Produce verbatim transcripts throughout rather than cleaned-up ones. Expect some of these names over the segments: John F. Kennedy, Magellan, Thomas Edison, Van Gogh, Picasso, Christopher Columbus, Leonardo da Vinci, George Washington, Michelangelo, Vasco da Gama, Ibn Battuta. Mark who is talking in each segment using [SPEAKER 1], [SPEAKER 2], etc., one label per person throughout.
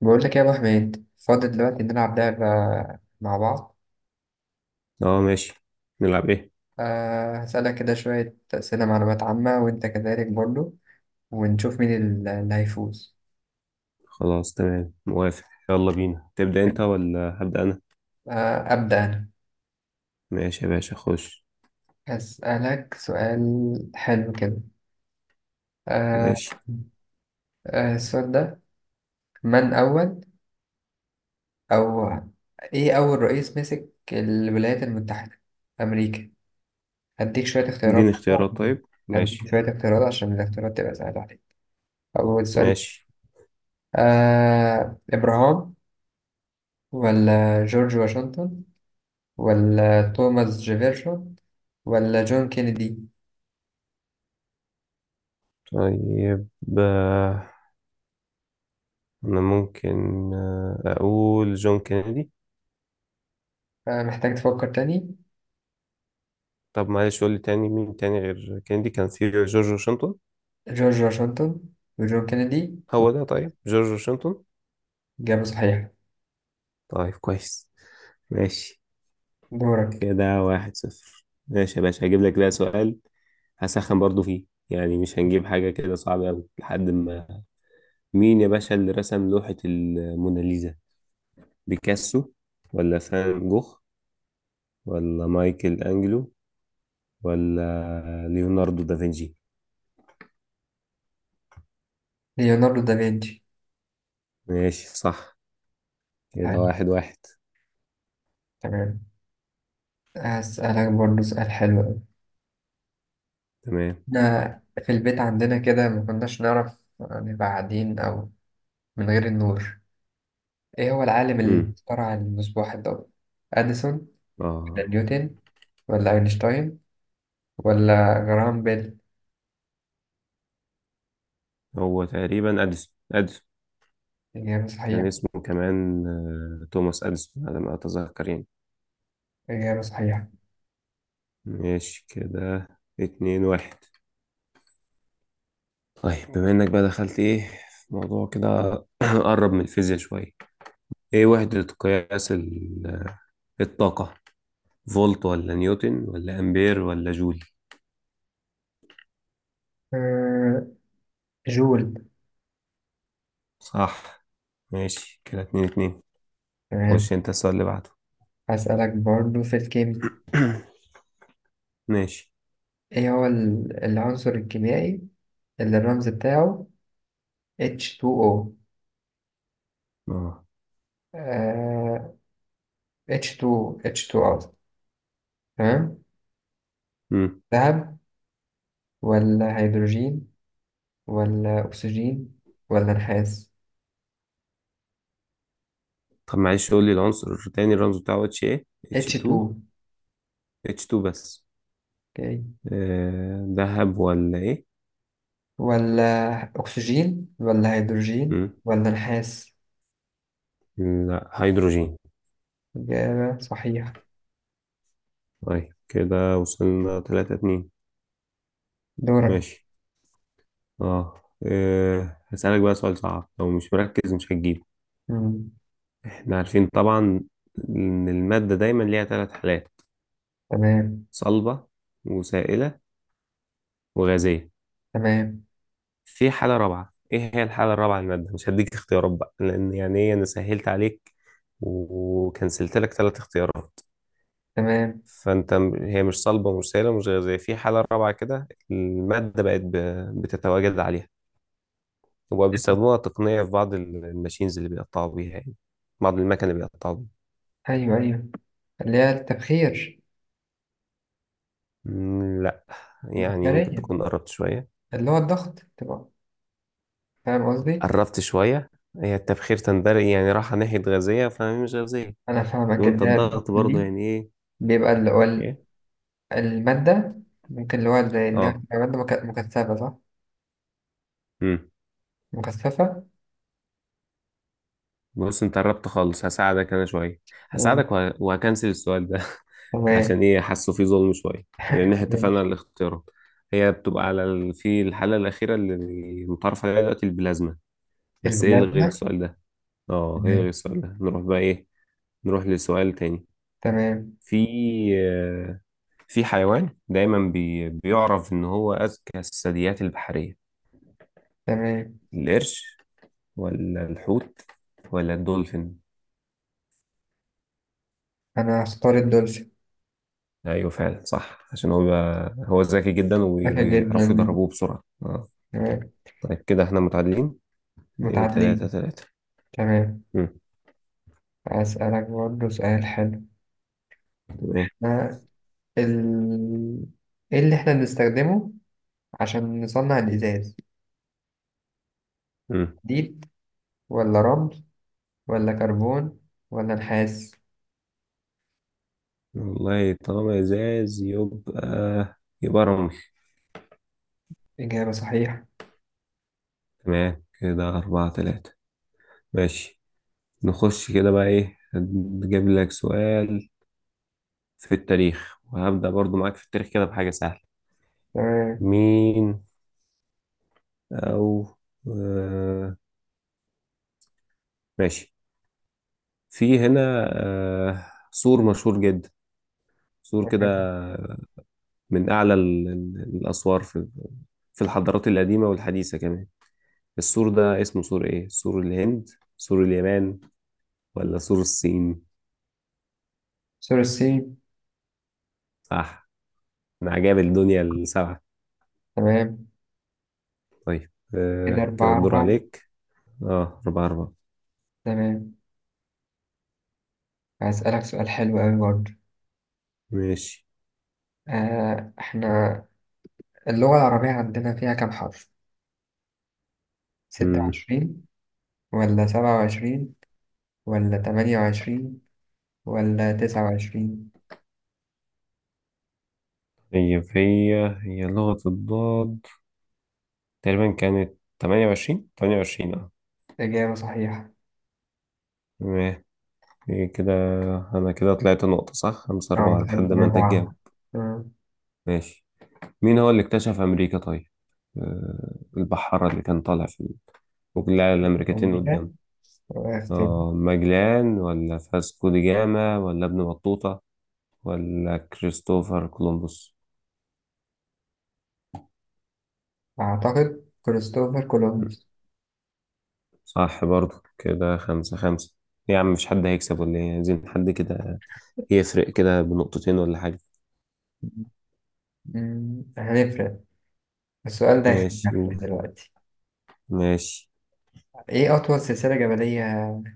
[SPEAKER 1] بقول لك إيه يا ابو حميد، فاضي دلوقتي. نلعب لعبة مع بعض.
[SPEAKER 2] اه، ماشي. نلعب ايه؟
[SPEAKER 1] أه هسألك كده شوية أسئلة معلومات عامة، وأنت كذلك برضو، ونشوف مين ال- اللي هيفوز.
[SPEAKER 2] خلاص، تمام، موافق. يلا بينا، تبدأ انت ولا هبدأ انا؟
[SPEAKER 1] أه أبدأ أنا.
[SPEAKER 2] ماشي يا باشا، خش.
[SPEAKER 1] هسألك سؤال حلو كده. أه
[SPEAKER 2] ماشي،
[SPEAKER 1] أه السؤال ده، من أول أو إيه أول رئيس مسك الولايات المتحدة أمريكا؟ هديك شوية اختيارات
[SPEAKER 2] اديني
[SPEAKER 1] برضو
[SPEAKER 2] اختيارات،
[SPEAKER 1] عشان-
[SPEAKER 2] طيب، ماشي.
[SPEAKER 1] هديك شوية اختيارات عشان الاختيارات تبقى سهلة عليك. أول سؤال،
[SPEAKER 2] ماشي،
[SPEAKER 1] آه إبراهام، ولا جورج واشنطن، ولا توماس جيفرسون، ولا جون كينيدي؟
[SPEAKER 2] طيب. آه، انا ممكن آه، اقول جون كينيدي.
[SPEAKER 1] آه، محتاج تفكر تاني.
[SPEAKER 2] طب معلش قول لي تاني، مين تاني غير كينيدي؟ كان في جورج واشنطن.
[SPEAKER 1] جورج واشنطن وجون كينيدي.
[SPEAKER 2] هو ده، طيب جورج واشنطن.
[SPEAKER 1] إجابة صحيحة.
[SPEAKER 2] طيب، كويس. ماشي،
[SPEAKER 1] دورك.
[SPEAKER 2] كده واحد صفر. ماشي يا باشا، هجيب لك بقى سؤال. هسخن برضو فيه يعني، مش هنجيب حاجة كده صعبة أوي لحد ما. مين يا باشا اللي رسم لوحة الموناليزا؟ بيكاسو ولا فان جوخ ولا مايكل أنجلو ولا ليوناردو دافنشي؟
[SPEAKER 1] ليوناردو دافنشي.
[SPEAKER 2] ماشي، صح. كده
[SPEAKER 1] آه
[SPEAKER 2] واحد واحد.
[SPEAKER 1] تمام. هسألك برضه سؤال حلو أوي.
[SPEAKER 2] تمام.
[SPEAKER 1] إحنا في البيت عندنا كده ما كناش نعرف نبقى قاعدين أو من غير النور. إيه هو العالم اللي
[SPEAKER 2] امم
[SPEAKER 1] اخترع المصباح الضوئي؟ أديسون، ولا
[SPEAKER 2] اه،
[SPEAKER 1] نيوتن، ولا أينشتاين، ولا جرام بيل؟
[SPEAKER 2] هو تقريبا أديسون أديسون.
[SPEAKER 1] إجابة
[SPEAKER 2] كان
[SPEAKER 1] صحيحة.
[SPEAKER 2] اسمه كمان آه، توماس أديسون، على ما أتذكر يعني.
[SPEAKER 1] إجابة صحيحة.
[SPEAKER 2] ماشي، كده اتنين واحد. طيب بما انك بقى دخلت ايه في موضوع كده، قرب من الفيزياء شوية. ايه وحدة قياس ال- الطاقة؟ فولت ولا نيوتن ولا امبير ولا جول؟
[SPEAKER 1] آه، جول.
[SPEAKER 2] صح. ماشي، كده اتنين اتنين.
[SPEAKER 1] تمام.
[SPEAKER 2] خش انت السؤال اللي بعده.
[SPEAKER 1] هسألك برضو في الكيمياء.
[SPEAKER 2] ماشي،
[SPEAKER 1] إيه هو ال- العنصر الكيميائي اللي الرمز بتاعه H T O.
[SPEAKER 2] اه.
[SPEAKER 1] آه، إتش تو. إتش تو قصدي. تمام.
[SPEAKER 2] مم.
[SPEAKER 1] ذهب، ولا هيدروجين، ولا أكسجين، ولا نحاس؟
[SPEAKER 2] طب معلش قول لي العنصر تاني، الرمز بتاعه اتش ايه؟ اتش اتنين.
[SPEAKER 1] إتش تو.
[SPEAKER 2] اتش اتنين بس.
[SPEAKER 1] أوكي.
[SPEAKER 2] آه، دهب ولا ايه؟
[SPEAKER 1] ولا أكسجين ولا هيدروجين
[SPEAKER 2] مم.
[SPEAKER 1] ولا نحاس.
[SPEAKER 2] لا، هيدروجين.
[SPEAKER 1] إجابة صحيحة.
[SPEAKER 2] طيب، كده وصلنا تلاتة اتنين.
[SPEAKER 1] دورك.
[SPEAKER 2] ماشي. اه إيه، هسألك بقى سؤال صعب، لو مش مركز مش هتجيبه. احنا عارفين طبعا ان المادة دايما ليها ثلاث حالات:
[SPEAKER 1] تمام.
[SPEAKER 2] صلبة وسائلة وغازية.
[SPEAKER 1] تمام.
[SPEAKER 2] في حالة رابعة، ايه هي الحالة الرابعة للمادة؟ مش هديك اختيارات بقى، لان يعني ايه، انا سهلت عليك وكنسلت لك ثلاث اختيارات.
[SPEAKER 1] تمام.
[SPEAKER 2] فانت م- هي مش صلبة ومش سائلة ومش غازية، في حالة رابعة كده المادة بقت ب- بتتواجد عليها، وبقوا بيستخدموها تقنية في بعض ال- الماشينز اللي بيقطعوا بيها يعني، بعض المكن اللي بيقطعوا بيها.
[SPEAKER 1] أيوه أيوه اللي هي التبخير.
[SPEAKER 2] مم، لا. يعني ممكن
[SPEAKER 1] البخارية،
[SPEAKER 2] تكون قربت شوية.
[SPEAKER 1] اللي هو الضغط تبقى. فاهم قصدي؟
[SPEAKER 2] قربت شوية. هي التبخير تندرج يعني، راحة ناحية غازية، فهي مش غازية.
[SPEAKER 1] أنا فاهمك،
[SPEAKER 2] وانت
[SPEAKER 1] اللي هي الضغط
[SPEAKER 2] الضغط برضو
[SPEAKER 1] دي.
[SPEAKER 2] يعني ايه؟
[SPEAKER 1] بيبقى اللي هو ال-
[SPEAKER 2] ايه.
[SPEAKER 1] المادة، ممكن اللي هو زي اللي هي
[SPEAKER 2] اه.
[SPEAKER 1] بتبقى مادة مك- مكثفة، صح؟
[SPEAKER 2] امم
[SPEAKER 1] مكثفة.
[SPEAKER 2] بص انت قربت خالص، هساعدك انا شوية.
[SPEAKER 1] تمام.
[SPEAKER 2] هساعدك وه... وهكنسل السؤال ده
[SPEAKER 1] تمام.
[SPEAKER 2] عشان ايه؟ حاسه فيه ظلم شوية، لان احنا اتفقنا
[SPEAKER 1] ماشي.
[SPEAKER 2] على الاختيارات. هي بتبقى على ال... في الحالة الأخيرة اللي متعرف عليها دلوقتي، البلازما. بس ايه، الغي
[SPEAKER 1] البلازما.
[SPEAKER 2] السؤال ده. اه، ايه، الغي
[SPEAKER 1] تمام.
[SPEAKER 2] السؤال ده، نروح بقى ايه، نروح لسؤال تاني.
[SPEAKER 1] تمام.
[SPEAKER 2] في في حيوان دايما بي... بيعرف ان هو اذكى الثدييات البحريه.
[SPEAKER 1] تمام.
[SPEAKER 2] القرش ولا الحوت ولا الدولفين؟
[SPEAKER 1] أنا هختار الدولفين.
[SPEAKER 2] ايوه، فعلا صح، عشان هو بيبقى... هو ذكي جدا، وبي-
[SPEAKER 1] ذكي
[SPEAKER 2] وبيعرفوا
[SPEAKER 1] جدا.
[SPEAKER 2] يدربوه بسرعه، اه.
[SPEAKER 1] تمام.
[SPEAKER 2] طيب، كده احنا متعادلين. ايه، تلاتة
[SPEAKER 1] متعادلين.
[SPEAKER 2] تلاتة
[SPEAKER 1] تمام.
[SPEAKER 2] مم.
[SPEAKER 1] أسألك برضه سؤال حلو.
[SPEAKER 2] تمام.
[SPEAKER 1] ال... ايه اللي احنا بنستخدمه عشان نصنع الإزاز؟
[SPEAKER 2] مم.
[SPEAKER 1] حديد، ولا رمل، ولا كربون، ولا نحاس؟
[SPEAKER 2] والله طالما ازاز يبقى، يبقى رمل.
[SPEAKER 1] إجابة صحيحة.
[SPEAKER 2] تمام، كده أربعة تلاتة. ماشي. نخش كده بقى ايه، هجيب لك سؤال في التاريخ، وهبدأ برضو معاك في التاريخ كده بحاجة سهلة.
[SPEAKER 1] تمام.
[SPEAKER 2] مين أو آه ماشي. في هنا آه سور مشهور جدا، سور كده من أعلى ال- ال- الأسوار في في الحضارات القديمة والحديثة كمان. السور ده اسمه سور إيه؟ سور الهند، سور اليابان، ولا سور الصين؟
[SPEAKER 1] سور الصين.
[SPEAKER 2] صح، من عجائب الدنيا السبعة.
[SPEAKER 1] تمام،
[SPEAKER 2] طيب
[SPEAKER 1] كده
[SPEAKER 2] آه كده
[SPEAKER 1] أربعة
[SPEAKER 2] الدور
[SPEAKER 1] أربعة.
[SPEAKER 2] عليك. اه، أربعة أربعة.
[SPEAKER 1] تمام. هسألك سؤال حلو أوي برضه.
[SPEAKER 2] ماشي.
[SPEAKER 1] آه إحنا، اللغة العربية عندنا فيها كام حرف؟ ستة
[SPEAKER 2] مم.
[SPEAKER 1] وعشرين، ولا سبعة وعشرين، ولا تمانية وعشرين، ولا تسعة وعشرين؟
[SPEAKER 2] طيب، هي هي لغة الضاد، تقريبا كانت تمانية وعشرين. تمانية وعشرين، اه.
[SPEAKER 1] إجابة صحيحة.
[SPEAKER 2] تمام. إيه كده، أنا كده طلعت نقطة، صح، خمسة أربعة
[SPEAKER 1] أه،
[SPEAKER 2] لحد
[SPEAKER 1] خمسة
[SPEAKER 2] ما أنت
[SPEAKER 1] أربعة.
[SPEAKER 2] تجاوب. ماشي. مين هو اللي اكتشف أمريكا طيب؟ آه البحارة اللي كان طالع في، وكلها الأمريكتين
[SPEAKER 1] أمريكا،
[SPEAKER 2] قدامه.
[SPEAKER 1] اختيار.
[SPEAKER 2] آه ماجلان ولا فاسكو دي جاما ولا ابن بطوطة ولا كريستوفر كولومبوس؟
[SPEAKER 1] أعتقد كريستوفر كولومبوس.
[SPEAKER 2] صح برضو، كده خمسة خمسة. إيه يا عم، مش حد هيكسب ولا ايه؟ عايزين حد كده يفرق كده بنقطتين ولا حاجة.
[SPEAKER 1] مم، هنفرق. السؤال ده
[SPEAKER 2] ماشي،
[SPEAKER 1] هيخلينا
[SPEAKER 2] قول.
[SPEAKER 1] دلوقتي.
[SPEAKER 2] ماشي،
[SPEAKER 1] إيه أطول سلسلة جبلية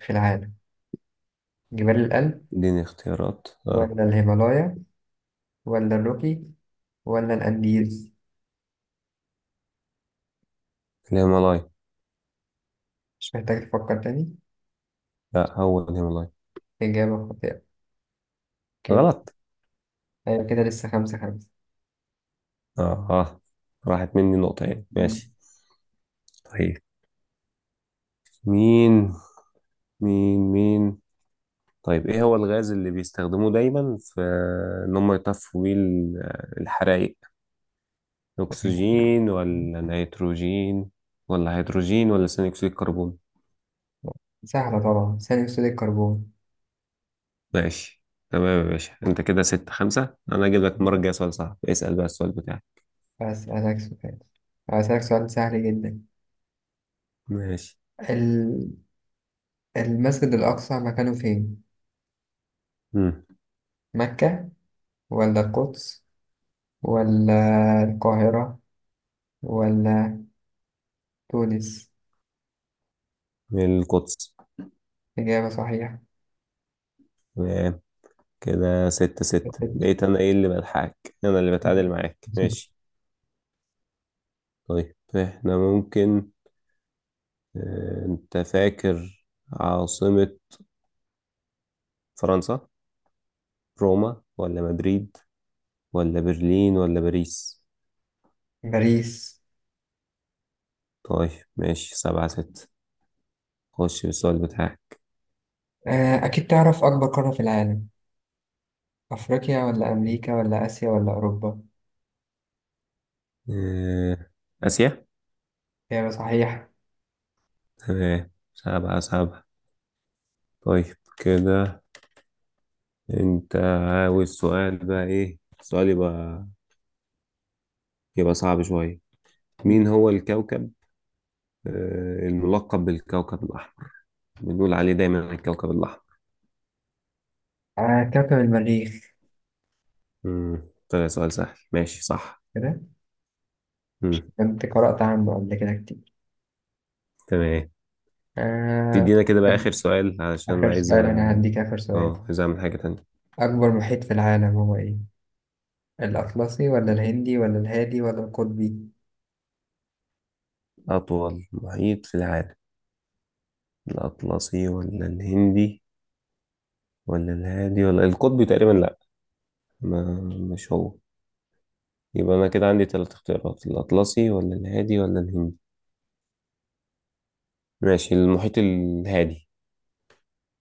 [SPEAKER 1] في العالم؟ جبال الألب،
[SPEAKER 2] اديني اختيارات، اه.
[SPEAKER 1] ولا الهيمالايا، ولا الروكي، ولا الأنديز؟
[SPEAKER 2] الهيمالايا.
[SPEAKER 1] مش محتاج تفكر تاني.
[SPEAKER 2] لا، هو الهيمالايا.
[SPEAKER 1] إجابة خاطئة. كده
[SPEAKER 2] غلط.
[SPEAKER 1] أيوة، كده لسه خمسة خمسة.
[SPEAKER 2] اه، اه. راحت مني نقطة يعني،
[SPEAKER 1] مم.
[SPEAKER 2] ماشي. طيب. مين مين مين طيب، ايه هو الغاز اللي بيستخدموه دايما في ان هم يطفوا بيه ال- الحرائق؟ اكسجين ولا نيتروجين ولا هيدروجين ولا ثاني اكسيد الكربون؟
[SPEAKER 1] سهلة طبعا، ثاني أكسيد الكربون.
[SPEAKER 2] ماشي، تمام يا باشا، انت كده ستة خمسة. انا اجيب لك المرة الجاية سؤال صعب، اسأل بقى السؤال بتاعك.
[SPEAKER 1] أسألك سؤال هسألك سؤال سهل
[SPEAKER 2] ماشي.
[SPEAKER 1] جدا. المسجد الأقصى مكانه فين؟
[SPEAKER 2] مم.
[SPEAKER 1] مكة، ولا القدس، ولا القاهرة، ولا تونس؟
[SPEAKER 2] القدس.
[SPEAKER 1] إجابة صحيحة.
[SPEAKER 2] تمام، كده ستة ستة، بقيت أنا إيه اللي بلحقك، أنا اللي بتعادل معاك. ماشي. طيب إحنا ممكن آه، أنت فاكر عاصمة فرنسا؟ روما ولا مدريد ولا برلين ولا باريس؟
[SPEAKER 1] باريس.
[SPEAKER 2] طيب، ماشي، سبعة ستة. خش بالسؤال بتاعك.
[SPEAKER 1] آه، أكيد تعرف أكبر قارة في العالم. أفريقيا، ولا أمريكا، ولا آسيا، ولا أوروبا؟
[SPEAKER 2] آه، آسيا.
[SPEAKER 1] إجابة صحيحة.
[SPEAKER 2] تمام، سبعة سبعة. طيب كده، أنت عاوز سؤال بقى، إيه سؤال يبقى يبقى صعب شوية. مين هو الكوكب آه، الملقب بالكوكب الأحمر، بنقول عليه دايما الكوكب الأحمر.
[SPEAKER 1] آه، كوكب المريخ.
[SPEAKER 2] مم. طلع سؤال سهل، ماشي، صح.
[SPEAKER 1] كده
[SPEAKER 2] مم.
[SPEAKER 1] كنت قرأت عنه قبل كده كتير.
[SPEAKER 2] تمام.
[SPEAKER 1] آه،
[SPEAKER 2] تدينا كده بقى آخر سؤال، علشان
[SPEAKER 1] آخر
[SPEAKER 2] عايز أ-
[SPEAKER 1] سؤال. أنا هديك آخر سؤال.
[SPEAKER 2] اه، عايز أعمل حاجة تانية.
[SPEAKER 1] أكبر محيط في العالم هو إيه؟ الأطلسي، ولا الهندي، ولا الهادي، ولا القطبي؟
[SPEAKER 2] أطول محيط في العالم، الأطلسي ولا الهندي ولا الهادي ولا القطبي؟ تقريبا لأ، ما مش هو. يبقى أنا كده عندي ثلاث اختيارات: الأطلسي ولا الهادي ولا الهندي. ماشي، المحيط الهادي.